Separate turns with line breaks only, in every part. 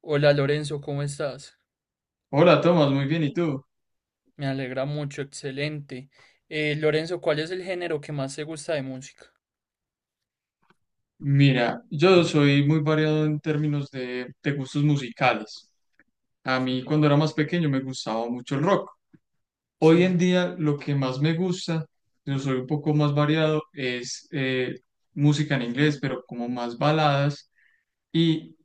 Hola Lorenzo, ¿cómo estás?
Hola, Tomás, muy bien, ¿y tú?
Me alegra mucho, excelente. Lorenzo, ¿cuál es el género que más te gusta de música?
Mira, yo soy muy variado en términos de gustos musicales. A mí
Sí,
cuando era más pequeño me gustaba mucho el rock. Hoy en
sí.
día lo que más me gusta, yo soy un poco más variado, es música en inglés, pero como más baladas y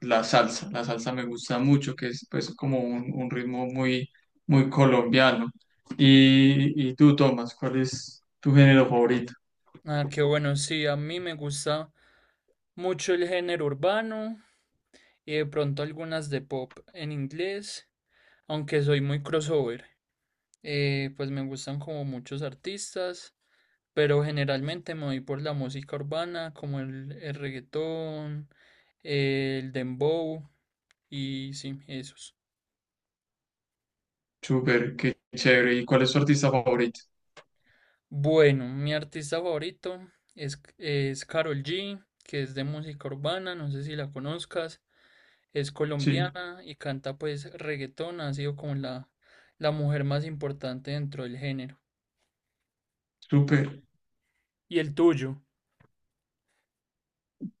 la salsa. La salsa me gusta mucho, que es pues como un ritmo muy, muy colombiano. Y tú, Tomás, ¿cuál es tu género favorito?
Ah, qué bueno, sí, a mí me gusta mucho el género urbano y de pronto algunas de pop en inglés, aunque soy muy crossover. Pues me gustan como muchos artistas, pero generalmente me voy por la música urbana, como el reggaetón, el dembow y sí, esos.
Súper, qué chévere. ¿Y cuál es tu artista favorito?
Bueno, mi artista favorito es Karol G, que es de música urbana, no sé si la conozcas, es
Sí,
colombiana y canta pues reggaetón, ha sido como la mujer más importante dentro del género.
súper.
¿Y el tuyo?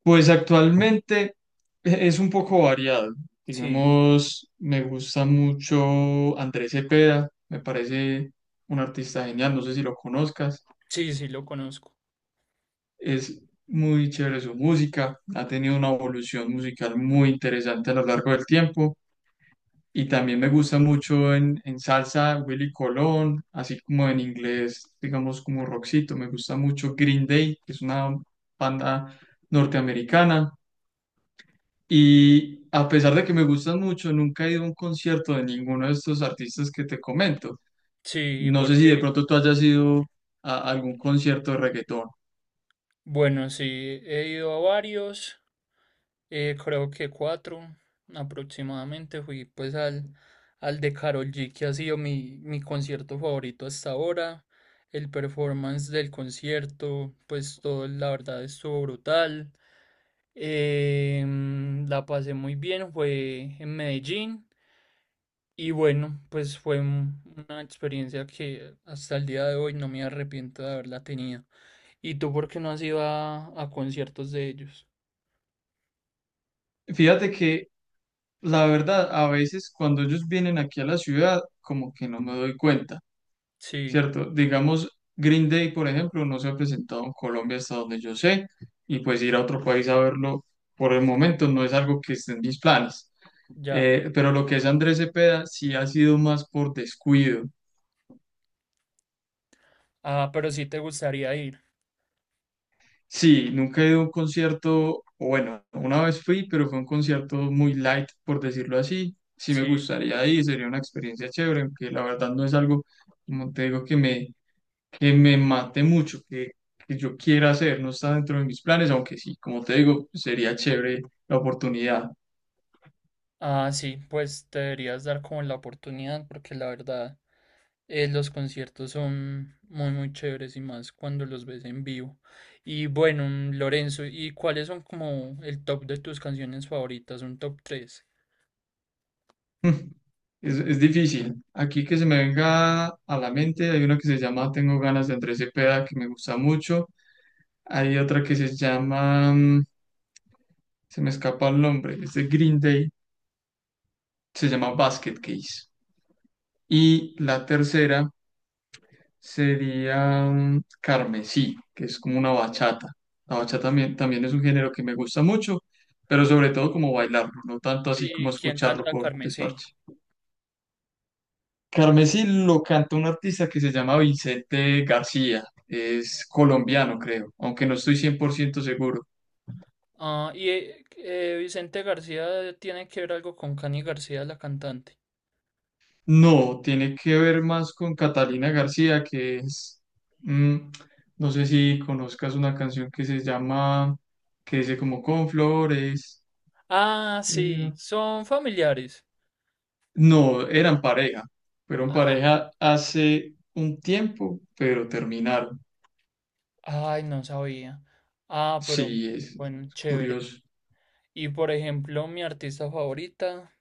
Pues actualmente es un poco variado.
Sí,
Digamos, me gusta mucho Andrés Cepeda, me parece un artista genial, no sé si lo conozcas.
sí, sí, lo conozco.
Es muy chévere su música, ha tenido una evolución musical muy interesante a lo largo del tiempo. Y también me gusta mucho en salsa Willy Colón, así como en inglés, digamos como rockcito. Me gusta mucho Green Day, que es una banda norteamericana. Y a pesar de que me gustan mucho, nunca he ido a un concierto de ninguno de estos artistas que te comento.
Sí,
No sé si de
porque,
pronto tú hayas ido a algún concierto de reggaetón.
bueno, sí, he ido a varios. Creo que cuatro aproximadamente. Fui pues al de Karol G, que ha sido mi concierto favorito hasta ahora. El performance del concierto, pues todo la verdad estuvo brutal. La pasé muy bien, fue en Medellín. Y bueno, pues una experiencia que hasta el día de hoy no me arrepiento de haberla tenido. ¿Y tú por qué no has ido a conciertos de ellos?
Fíjate que la verdad, a veces cuando ellos vienen aquí a la ciudad, como que no me doy cuenta.
Sí,
Cierto, digamos, Green Day, por ejemplo, no se ha presentado en Colombia hasta donde yo sé, y pues ir a otro país a verlo por el momento no es algo que esté en mis planes.
ya.
Pero lo que es Andrés Cepeda sí ha sido más por descuido.
Ah, pero sí te gustaría ir.
Sí, nunca he ido a un concierto, o bueno, una vez fui, pero fue un concierto muy light, por decirlo así. Sí me
Sí.
gustaría ir, sería una experiencia chévere, aunque la verdad no es algo, como te digo, que me mate mucho, que yo quiera hacer, no está dentro de mis planes, aunque sí, como te digo, sería chévere la oportunidad.
Ah, sí, pues te deberías dar como la oportunidad porque la verdad los conciertos son muy muy chéveres y más cuando los ves en vivo. Y bueno, Lorenzo, ¿y cuáles son como el top de tus canciones favoritas? Un top tres.
Es difícil. Aquí que se me venga a la mente, hay una que se llama Tengo ganas, de Andrés Cepeda, que me gusta mucho. Hay otra que se llama, se me escapa el nombre, es de Green Day, se llama Basket Case. Y la tercera sería Carmesí, que es como una bachata. La bachata también, también es un género que me gusta mucho, pero sobre todo como bailarlo, no tanto así como
¿Y quién
escucharlo
canta
por
Carmesí?
desparche. Carmesí lo canta un artista que se llama Vicente García, es colombiano creo, aunque no estoy 100% seguro.
Ah, y Vicente García tiene que ver algo con Cani García, la cantante.
No, tiene que ver más con Catalina García, que es, mm, no sé si conozcas una canción que se llama, que dice como con flores.
Ah, sí, son familiares.
No, eran pareja. Fueron pareja hace un tiempo, pero terminaron.
Ay, no sabía. Ah, pero
Sí, es
bueno, chévere.
curioso.
Y por ejemplo, mi artista favorita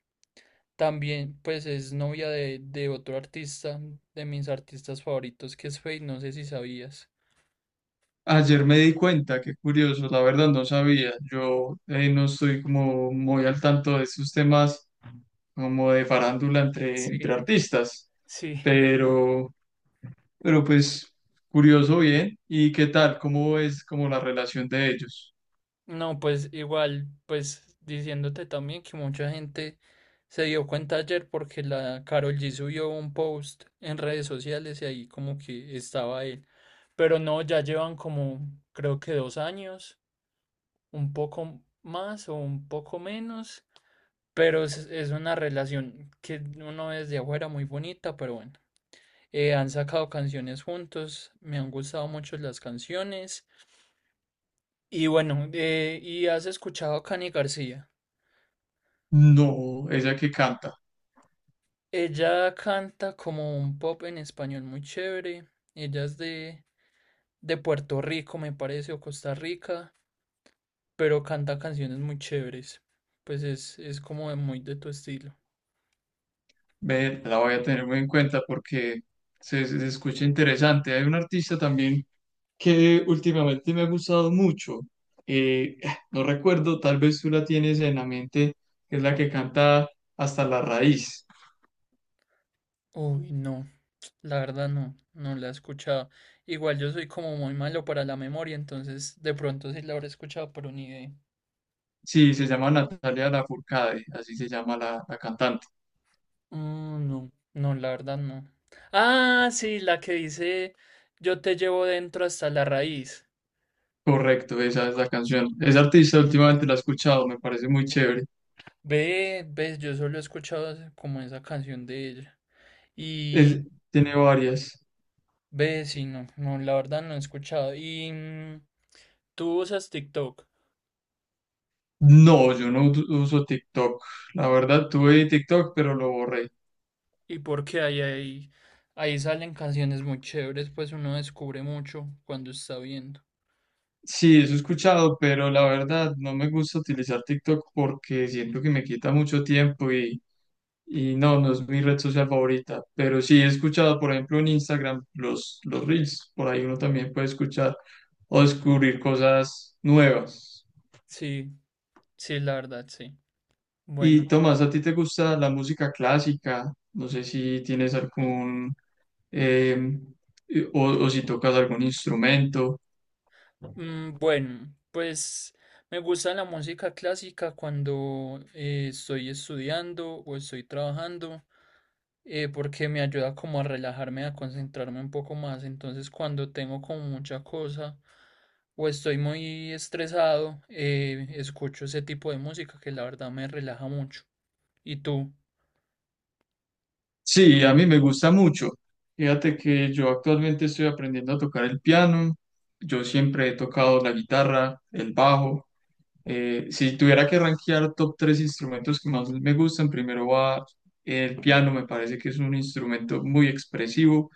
también, pues es novia de otro artista, de mis artistas favoritos, que es Feid, no sé si sabías.
Ayer me di cuenta, qué curioso, la verdad no sabía. Yo no estoy como muy al tanto de estos temas como de farándula entre,
Sí,
entre artistas,
sí.
pero, pero pues curioso bien. ¿Y qué tal? ¿Cómo es como la relación de ellos?
No, pues igual, pues diciéndote también que mucha gente se dio cuenta ayer porque la Karol G subió un post en redes sociales y ahí como que estaba él. Pero no, ya llevan como creo que dos años, un poco más o un poco menos, pero es una relación que uno ve desde afuera muy bonita, pero bueno. Han sacado canciones juntos, me han gustado mucho las canciones. Y bueno, ¿y has escuchado a Cani García?
No, ella que canta.
Ella canta como un pop en español muy chévere. Ella es de Puerto Rico, me parece, o Costa Rica, pero canta canciones muy chéveres. Pues es como de muy de tu estilo.
Ve, la voy a tener muy en cuenta porque se escucha interesante. Hay un artista también que últimamente me ha gustado mucho. Eh, no recuerdo, tal vez tú la tienes en la mente, que es la que canta Hasta la Raíz.
Uy, no, la verdad no, no la he escuchado. Igual yo soy como muy malo para la memoria, entonces de pronto sí la habré escuchado, pero ni idea.
Sí, se llama Natalia Lafourcade, así se llama la cantante.
No, no, la verdad no. Ah, sí, la que dice yo te llevo dentro hasta la raíz.
Correcto, esa es la canción. Esa artista últimamente la he escuchado, me parece muy chévere.
Ves, yo solo he escuchado como esa canción de ella.
Es-
Y
Tiene varias.
ve, sí, no, no, la verdad no he escuchado. Y ¿tú usas TikTok?
No, yo no uso TikTok. La verdad, tuve TikTok, pero lo borré.
Y porque ahí salen canciones muy chéveres, pues uno descubre mucho cuando está viendo.
Sí, eso he escuchado, pero la verdad no me gusta utilizar TikTok porque siento que me quita mucho tiempo y no, no es mi red social favorita. Pero sí he escuchado, por ejemplo, en Instagram los Reels, por ahí uno también puede escuchar o descubrir cosas nuevas.
Sí, sí, la verdad, sí.
Y
Bueno,
Tomás, ¿a ti te gusta la música clásica? No sé si tienes algún, em, o si tocas algún instrumento.
bueno, pues me gusta la música clásica cuando estoy estudiando o estoy trabajando, porque me ayuda como a relajarme, a concentrarme un poco más. Entonces, cuando tengo como mucha cosa o estoy muy estresado, escucho ese tipo de música que la verdad me relaja mucho. ¿Y tú?
Sí, a mí me gusta mucho. Fíjate que yo actualmente estoy aprendiendo a tocar el piano. Yo siempre he tocado la guitarra, el bajo. Si tuviera que rankear top tres instrumentos que más me gustan, primero va el piano, me parece que es un instrumento muy expresivo.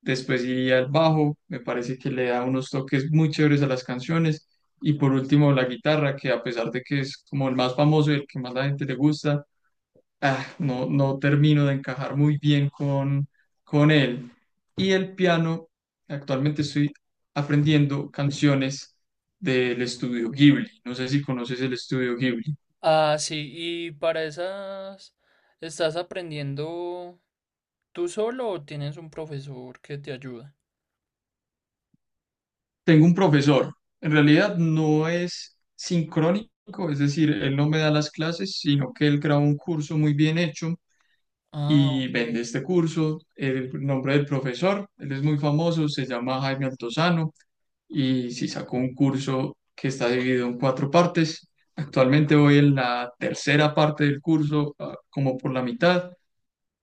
Después iría el bajo, me parece que le da unos toques muy chéveres a las canciones. Y por último, la guitarra, que a pesar de que es como el más famoso y el que más la gente le gusta, ah, no, no termino de encajar muy bien con él. Y el piano, actualmente estoy aprendiendo canciones del estudio Ghibli. No sé si conoces el estudio Ghibli.
Ah, sí, y para esas, ¿estás aprendiendo tú solo o tienes un profesor que te ayuda?
Tengo un profesor, en realidad no es sincrónico, es decir, él no me da las clases, sino que él graba un curso muy bien hecho
Ah,
y
ok.
vende este curso. El nombre del profesor, él es muy famoso, se llama Jaime Altozano y sí sacó un curso que está dividido en cuatro partes. Actualmente voy en la tercera parte del curso, ah, como por la mitad,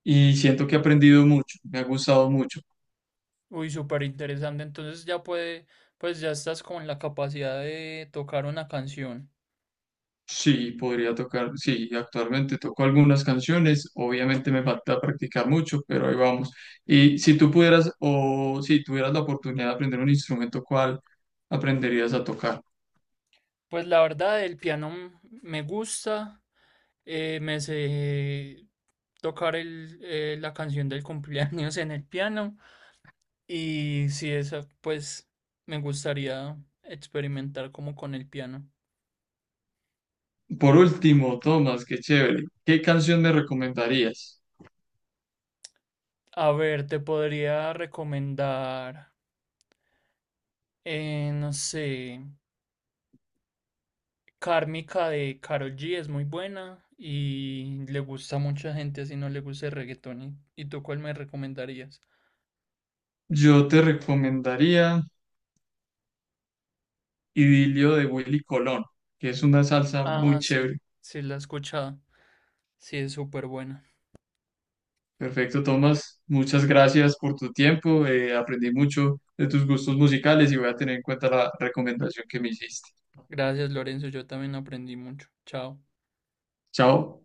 y siento que he aprendido mucho, me ha gustado mucho.
Uy, súper interesante. Entonces ya puede, pues ya estás con la capacidad de tocar una canción.
Sí, podría tocar, sí, actualmente toco algunas canciones, obviamente me falta practicar mucho, pero ahí vamos. Y si tú pudieras o si tuvieras la oportunidad de aprender un instrumento, ¿cuál aprenderías a tocar?
Pues la verdad, el piano me gusta. Me sé tocar la canción del cumpleaños en el piano. Y si esa, pues me gustaría experimentar como con el piano.
Por último, Tomás, qué chévere. ¿Qué canción me recomendarías?
A ver, te podría recomendar, no sé, Kármica de Karol G es muy buena y le gusta a mucha gente, así no le gusta el reggaetón. Y tú cuál me recomendarías?
Yo te recomendaría Idilio, de Willy Colón, que es una salsa muy
Ah, sí,
chévere.
sí, la he escuchado. Sí, es súper buena.
Perfecto, Tomás. Muchas gracias por tu tiempo. Aprendí mucho de tus gustos musicales y voy a tener en cuenta la recomendación que me hiciste.
Gracias, Lorenzo, yo también aprendí mucho. Chao.
Chao.